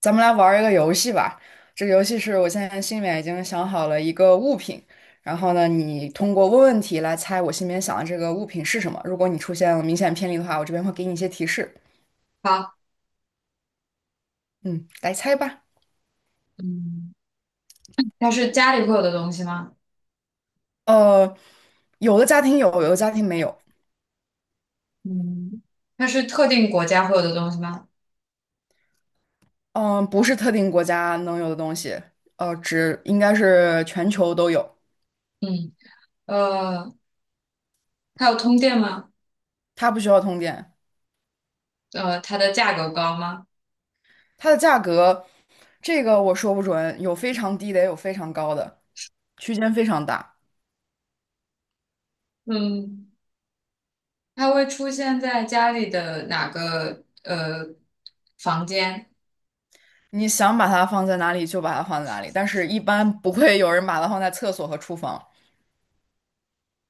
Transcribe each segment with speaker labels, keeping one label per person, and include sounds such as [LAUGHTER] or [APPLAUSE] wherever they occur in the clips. Speaker 1: 咱们来玩儿一个游戏吧。这个游戏是我现在心里面已经想好了一个物品，然后呢，你通过问问题来猜我心里面想的这个物品是什么。如果你出现了明显偏离的话，我这边会给你一些提示。
Speaker 2: 好，
Speaker 1: 嗯，来猜吧。
Speaker 2: 嗯它是家里会有的东西吗？
Speaker 1: 呃，有的家庭有，有的家庭没有。
Speaker 2: 嗯，它是特定国家会有的东西吗？
Speaker 1: 嗯、不是特定国家能有的东西，只应该是全球都有。
Speaker 2: 嗯呃，它有通电吗？
Speaker 1: 它不需要通电。
Speaker 2: 它的价格高吗？
Speaker 1: 它的价格，这个我说不准，有非常低的，也有非常高的，区间非常大。
Speaker 2: 嗯，它会出现在家里的哪个房间？
Speaker 1: 你想把它放在哪里就把它放在哪里，但是一般不会有人把它放在厕所和厨房。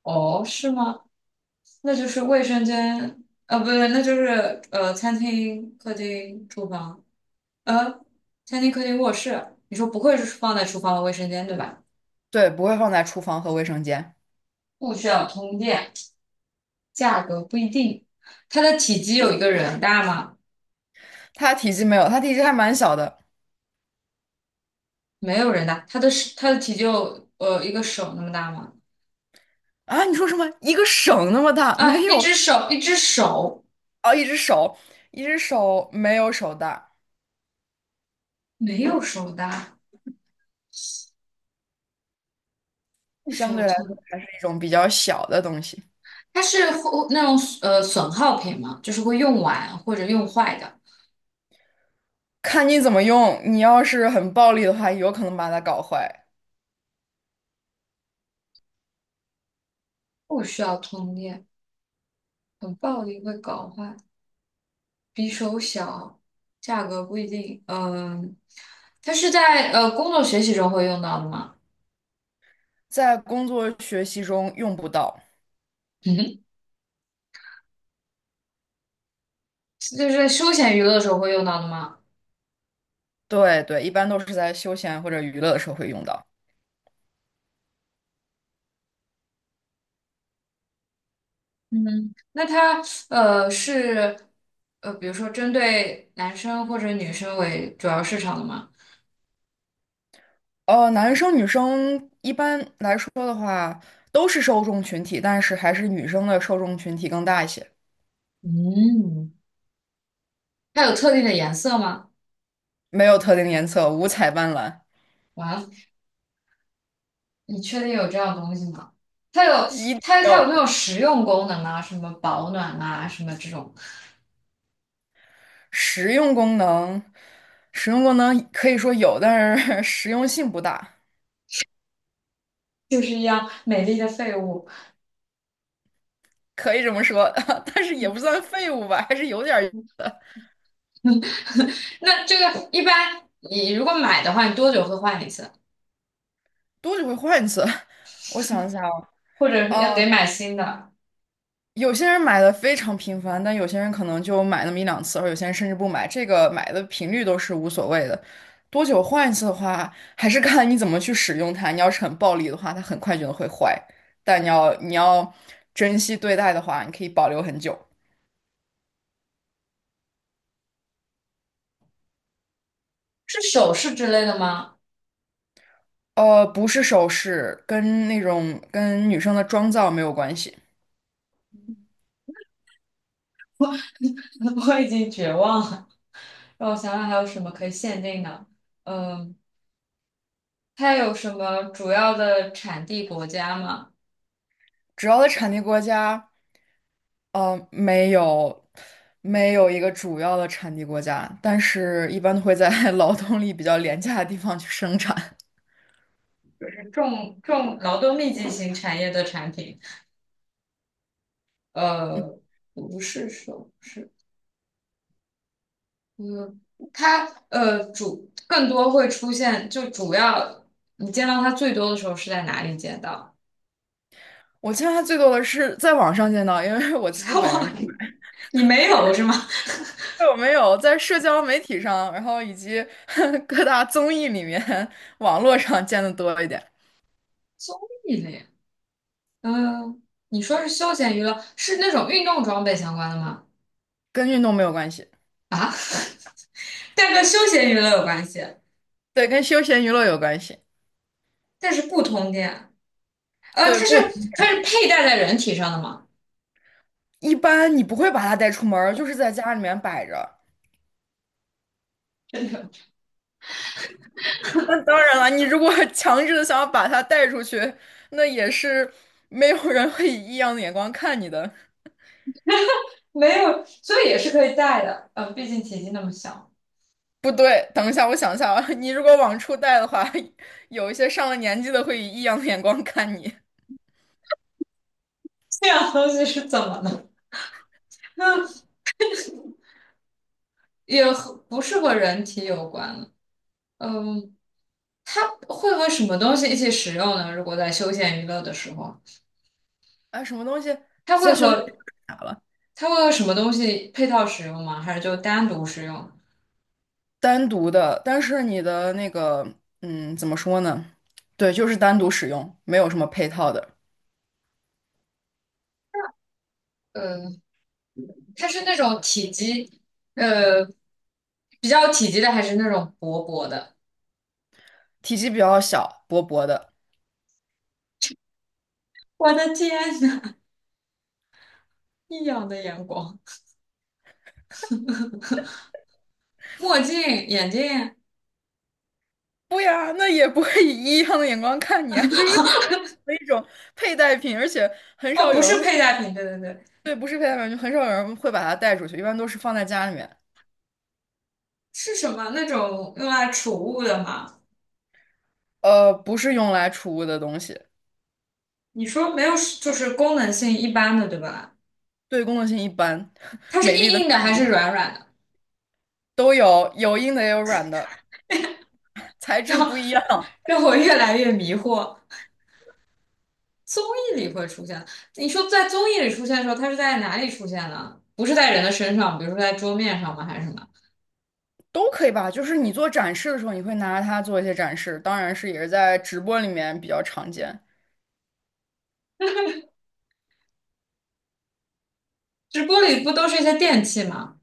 Speaker 2: 哦，是吗？那就是卫生间，不对，那就是餐厅、客厅、厨房，呃，餐厅、客厅、卧室。你说不会是放在厨房和卫生间对吧？
Speaker 1: 对，不会放在厨房和卫生间。
Speaker 2: 不需要通电，价格不一定，它的体积有一个人大吗？
Speaker 1: 它体积没有，它体积还蛮小的。
Speaker 2: 没有人大，它的体积有一个手那么大吗？
Speaker 1: 啊！你说什么？一个手那么大？没
Speaker 2: 啊，一
Speaker 1: 有。
Speaker 2: 只手一只手
Speaker 1: 啊，一只手，一只手没有手大，
Speaker 2: 没有手大，不需
Speaker 1: 相
Speaker 2: 要
Speaker 1: 对来说
Speaker 2: 通，
Speaker 1: 还是一种比较小的东西。
Speaker 2: 它是会那种损耗品嘛，就是会用完或者用坏的，
Speaker 1: 看你怎么用，你要是很暴力的话，有可能把它搞坏。
Speaker 2: 不需要通电，很暴力会搞坏，比手小，价格不一定。嗯、它是在工作学习中会用到的吗？
Speaker 1: 在工作学习中用不到。
Speaker 2: [LAUGHS] 嗯哼。就是在休闲娱乐的时候会用到的吗？
Speaker 1: 对对，一般都是在休闲或者娱乐的时候会用到。
Speaker 2: 嗯，那它是比如说针对男生或者女生为主要市场的吗？
Speaker 1: 男生女生一般来说的话，都是受众群体，但是还是女生的受众群体更大一些。
Speaker 2: 嗯，它有特定的颜色吗？
Speaker 1: 没有特定颜色，五彩斑斓，
Speaker 2: 完了，你确定有这样东西吗？它有
Speaker 1: 一定
Speaker 2: 它有
Speaker 1: 要
Speaker 2: 没有实用功能啊？什么保暖啊，什么这种，
Speaker 1: 实用功能。实用功能可以说有，但是 [LAUGHS] 实用性不大。
Speaker 2: 就是一样美丽的废物。
Speaker 1: 可以这么说，[LAUGHS] 但是也不
Speaker 2: [LAUGHS]
Speaker 1: 算废物吧，还是有点儿用的。
Speaker 2: 那这个一般你如果买的话，你多久会换一次？
Speaker 1: 多久会换一次。[LAUGHS] 我想一下啊。
Speaker 2: 或者要得买新的？
Speaker 1: 有些人买的非常频繁，但有些人可能就买那么一两次，而有些人甚至不买。这个买的频率都是无所谓的。多久换一次的话，还是看你怎么去使用它。你要是很暴力的话，它很快就会坏；但你要珍惜对待的话，你可以保留很久。
Speaker 2: 是首饰之类的吗？
Speaker 1: 不是首饰，跟那种跟女生的妆造没有关系。
Speaker 2: [LAUGHS] 我已经绝望了。让我想想还有什么可以限定的？嗯，它有什么主要的产地国家吗？
Speaker 1: 只要在产地国家。没有，没有一个主要的产地国家，但是一般都会在 [LAUGHS] 劳动力比较廉价的地方去生产。
Speaker 2: 就是劳动密集型产业的产品。
Speaker 1: 嗯
Speaker 2: 呃，不是首饰，嗯，它更多会出现，就主要你见到它最多的时候是在哪里见到？
Speaker 1: 我见它最多的是在网上见到，因为
Speaker 2: [LAUGHS]
Speaker 1: 我自己
Speaker 2: 在
Speaker 1: 本人不
Speaker 2: 网
Speaker 1: 知
Speaker 2: 里，你没有是吗？
Speaker 1: 道有没有在社交媒体上，然后以及 [LAUGHS] 各大综艺里面、网络上见的多一点。
Speaker 2: 综艺类，嗯、你说是休闲娱乐，是那种运动装备相关的吗？
Speaker 1: 跟运动没有关系。
Speaker 2: 啊？但跟休闲娱乐有关系，
Speaker 1: 对，跟休闲娱乐有关系。
Speaker 2: 但是不通电。呃，它
Speaker 1: 对，
Speaker 2: 是
Speaker 1: 不，
Speaker 2: 它是佩戴在人体上的吗？
Speaker 1: 一般你不会把它带出门儿，就是在家里面摆着。
Speaker 2: [LAUGHS] 真的
Speaker 1: 那当然了，你如果 [LAUGHS] 强制的想要把它带出去，那也是没有人会以异样的眼光看你的。
Speaker 2: 没有，所以也是可以戴的。毕竟体积那么小，
Speaker 1: 不对，等一下，我想一下啊，你如果往出带的话，[LAUGHS] 有一些上了年纪的会以异样的眼光看你。
Speaker 2: 这样东西是怎么了？[LAUGHS] 嗯，也不是和人体有关了。嗯，它会和什么东西一起使用呢？如果在休闲娱乐的时候，
Speaker 1: 啊，什么东西
Speaker 2: 它会
Speaker 1: 在休息室
Speaker 2: 和
Speaker 1: 啥了？
Speaker 2: 它会和什么东西配套使用吗？还是就单独使用？
Speaker 1: 单独的，但是你的那个，嗯，怎么说呢？对，就是单独使用，没有什么配套的。
Speaker 2: 嗯，它是那种呃比较体积的，还是那种薄薄的？
Speaker 1: 体积比较小，薄薄的。
Speaker 2: 我的天呐，异样的眼光，墨镜、眼镜，
Speaker 1: 不呀，那也不会以异样的眼光看你啊，就是的一种佩戴品，而且很
Speaker 2: 哦，
Speaker 1: 少
Speaker 2: 不
Speaker 1: 有人
Speaker 2: 是
Speaker 1: 会，
Speaker 2: 佩戴品，对对对，
Speaker 1: 对，不是佩戴品，就很少有人会把它带出去，一般都是放在家里面。
Speaker 2: 是什么那种用来储物的吗？
Speaker 1: 不是用来储物的东西。
Speaker 2: 你说没有，就是功能性一般的，对吧？
Speaker 1: 对功能性一般，[LAUGHS]
Speaker 2: 它是
Speaker 1: 美丽的
Speaker 2: 硬硬的还是软软的？
Speaker 1: 都有，有硬的也有软的，材
Speaker 2: [LAUGHS]
Speaker 1: 质
Speaker 2: 让
Speaker 1: 不一样。
Speaker 2: 让我越来越迷惑。综艺里会出现，你说在综艺里出现的时候，它是在哪里出现呢？不是在人的身上，比如说在桌面上吗？还是什么？
Speaker 1: 都可以吧？就是你做展示的时候，你会拿它做一些展示，当然是也是在直播里面比较常见。
Speaker 2: 直播里不都是一些电器吗？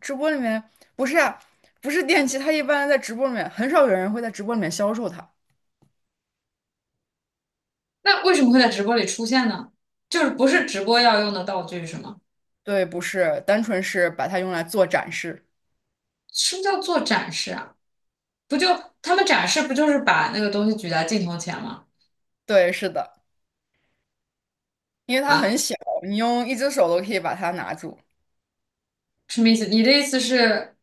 Speaker 1: 直播里面不是啊，不是电器，它一般在直播里面很少有人会在直播里面销售它。
Speaker 2: 那为什么会在直播里出现呢？就是不是直播要用的道具是吗？
Speaker 1: 对，不是，单纯是把它用来做展示。
Speaker 2: 什么叫做展示啊？不就他们展示不就是把那个东西举在镜头前吗？
Speaker 1: 对，是的，因为它很
Speaker 2: 啊，
Speaker 1: 小，你用一只手都可以把它拿住。
Speaker 2: 什么意思？你的意思是，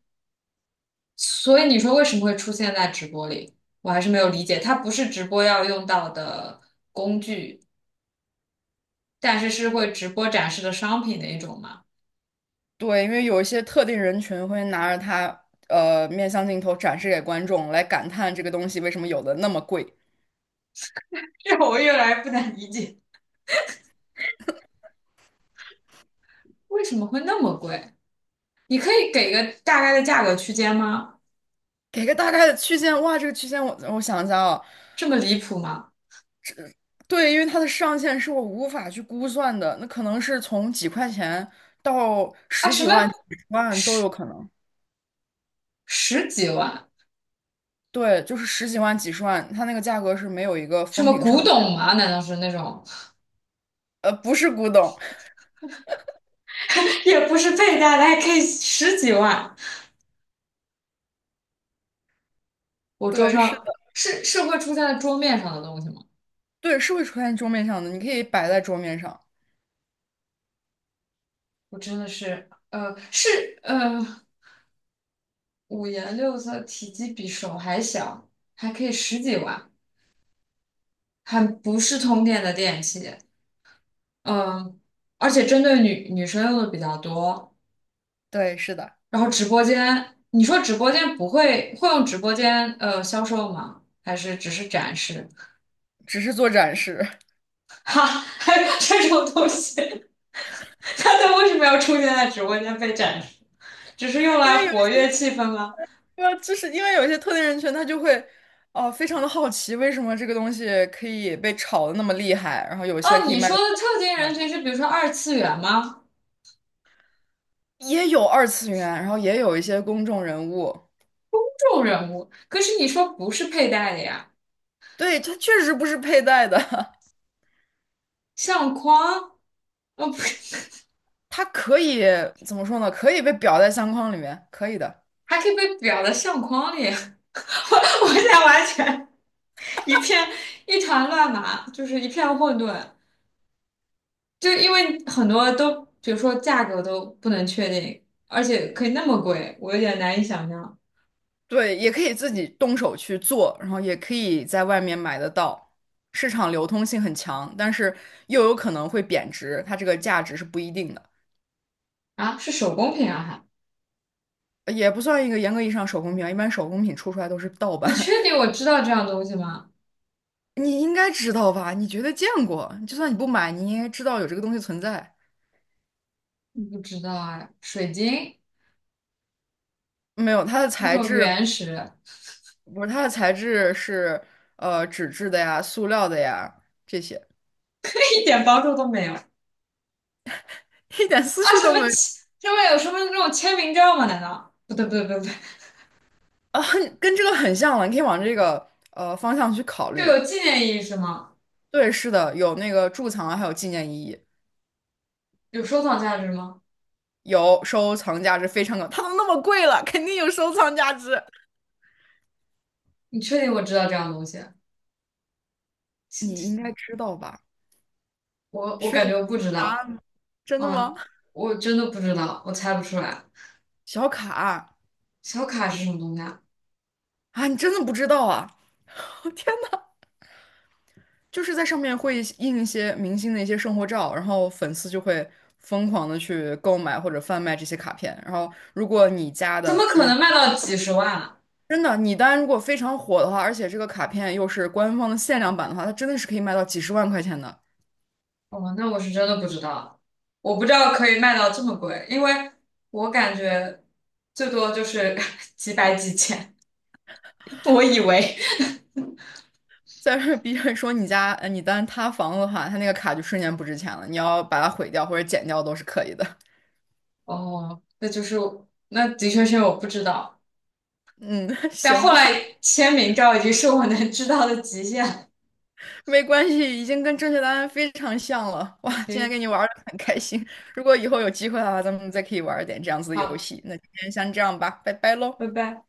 Speaker 2: 所以你说为什么会出现在直播里？我还是没有理解，它不是直播要用到的工具，但是是会直播展示的商品的一种吗？
Speaker 1: 对，因为有一些特定人群会拿着它，面向镜头展示给观众，来感叹这个东西为什么有的那么贵。
Speaker 2: [LAUGHS] 这我越来越不能理解，为什么会那么贵？你可以给个大概的价格区间吗？
Speaker 1: 给个大概的区间，哇，这个区间我想一下啊。
Speaker 2: 这么离谱吗？
Speaker 1: 对，因为它的上限是我无法去估算的，那可能是从几块钱到
Speaker 2: 啊，
Speaker 1: 十
Speaker 2: 什
Speaker 1: 几
Speaker 2: 么
Speaker 1: 万、几十万都有
Speaker 2: 十
Speaker 1: 可能。
Speaker 2: 十几万？
Speaker 1: 对，就是十几万、几十万，它那个价格是没有一个
Speaker 2: 什
Speaker 1: 封
Speaker 2: 么
Speaker 1: 顶
Speaker 2: 古
Speaker 1: 上。
Speaker 2: 董吗？难道是那种？
Speaker 1: 不是古董。
Speaker 2: 也不是倍大的，还可以十几万。我桌
Speaker 1: 对，是
Speaker 2: 上
Speaker 1: 的，
Speaker 2: 是是会出现在桌面上的东西吗？
Speaker 1: 对，是会出现桌面上的，你可以摆在桌面上。
Speaker 2: 我真的是，呃，五颜六色，体积比手还小，还可以十几万，还不是通电的电器，嗯、而且针对女生用的比较多。
Speaker 1: 对，是的，
Speaker 2: 然后直播间，你说直播间不会会用直播间销售吗？还是只是展示？
Speaker 1: 只是做展示。
Speaker 2: [LAUGHS] 哈，还有这种东西。[LAUGHS] 他都为什么要出现在直播间被展示？只是用
Speaker 1: [LAUGHS] 因
Speaker 2: 来
Speaker 1: 为有
Speaker 2: 活跃气氛吗？
Speaker 1: 一个，就是因为有一些特定人群，他就会，哦、非常的好奇，为什么这个东西可以被炒的那么厉害，然后有些
Speaker 2: 哦，
Speaker 1: 可以
Speaker 2: 你
Speaker 1: 卖
Speaker 2: 说
Speaker 1: 的，
Speaker 2: 的特定人群是比如说二次元吗？
Speaker 1: 也有二次元，然后也有一些公众人物。
Speaker 2: 这种人物，可是你说不是佩戴的呀，
Speaker 1: 对，它确实不是佩戴的。
Speaker 2: 相框，哦不
Speaker 1: [LAUGHS] 它可以怎么说呢？可以被裱在相框里面，可以的。
Speaker 2: 还可以被裱在相框里。[LAUGHS] 我现在完全一片一团乱麻，就是一片混沌。就因为很多都，比如说价格都不能确定，而且可以那么贵，我有点难以想象
Speaker 1: 对，也可以自己动手去做，然后也可以在外面买得到，市场流通性很强，但是又有可能会贬值，它这个价值是不一定的。
Speaker 2: 啊，是手工品啊还？
Speaker 1: 也不算一个严格意义上手工品啊。一般手工品出来都是盗
Speaker 2: 你
Speaker 1: 版。
Speaker 2: 确定我知道这样东西吗？
Speaker 1: [LAUGHS] 你应该知道吧？你绝对见过，就算你不买，你应该知道有这个东西存在。
Speaker 2: 不知道啊，水晶
Speaker 1: 没有，它的
Speaker 2: 那
Speaker 1: 材
Speaker 2: 种
Speaker 1: 质
Speaker 2: 原石，
Speaker 1: 不是，它的材质是纸质的呀、塑料的呀这些。
Speaker 2: [LAUGHS] 一点帮助都没有
Speaker 1: [LAUGHS] 一点思
Speaker 2: 啊！
Speaker 1: 绪
Speaker 2: 什
Speaker 1: 都
Speaker 2: 么
Speaker 1: 没有。
Speaker 2: 签上面有什么那种签名照吗？难道不对不对不对不对，
Speaker 1: 啊，很跟这个很像了，你可以往这个方向去考
Speaker 2: 就
Speaker 1: 虑。
Speaker 2: 有纪念意义是吗？
Speaker 1: 对，是的，有那个贮藏啊，还有纪念意义。
Speaker 2: 有收藏价值吗？
Speaker 1: 有收藏价值，非常高。它都那么贵了，肯定有收藏价值。
Speaker 2: 你确定我知道这样东西？是
Speaker 1: 你应
Speaker 2: 是
Speaker 1: 该知道吧？
Speaker 2: 我
Speaker 1: 需要
Speaker 2: 感
Speaker 1: 我
Speaker 2: 觉
Speaker 1: 给
Speaker 2: 我不
Speaker 1: 你
Speaker 2: 知
Speaker 1: 答
Speaker 2: 道，
Speaker 1: 案吗？真的
Speaker 2: 啊，
Speaker 1: 吗？
Speaker 2: 我真的不知道，我猜不出来。
Speaker 1: 小卡啊。
Speaker 2: 小卡是什么东西啊？
Speaker 1: 啊，你真的不知道啊？[LAUGHS] 我天呐，就是在上面会印一些明星的一些生活照，然后粉丝就会疯狂的去购买或者贩卖这些卡片。然后，如果你家
Speaker 2: 怎
Speaker 1: 的
Speaker 2: 么
Speaker 1: 就
Speaker 2: 可能
Speaker 1: 是
Speaker 2: 卖到几十万啊。
Speaker 1: 真的，你单如果非常火的话，而且这个卡片又是官方的限量版的话，它真的是可以卖到几十万块钱的。
Speaker 2: 哦，那我是真的不知道，我不知道可以卖到这么贵，因为我感觉最多就是 [LAUGHS] 几百几千。[LAUGHS] 我以为，
Speaker 1: 再是 B 站说你家你单塌房的话，它那个卡就瞬间不值钱了，你要把它毁掉或者剪掉都是可以的。
Speaker 2: 哦，那的确是我不知道，
Speaker 1: 嗯，[LAUGHS]
Speaker 2: 但
Speaker 1: 行
Speaker 2: 后
Speaker 1: 吧，
Speaker 2: 来签名照已经是我能知道的极限了。
Speaker 1: 没关系，已经跟正确答案非常像了。哇，今天
Speaker 2: 行，
Speaker 1: 跟你玩的很开心，如果以后有机会的话，咱们再可以玩一点这样子的游
Speaker 2: 好，
Speaker 1: 戏。那今天先这样吧，拜拜喽。
Speaker 2: 拜拜。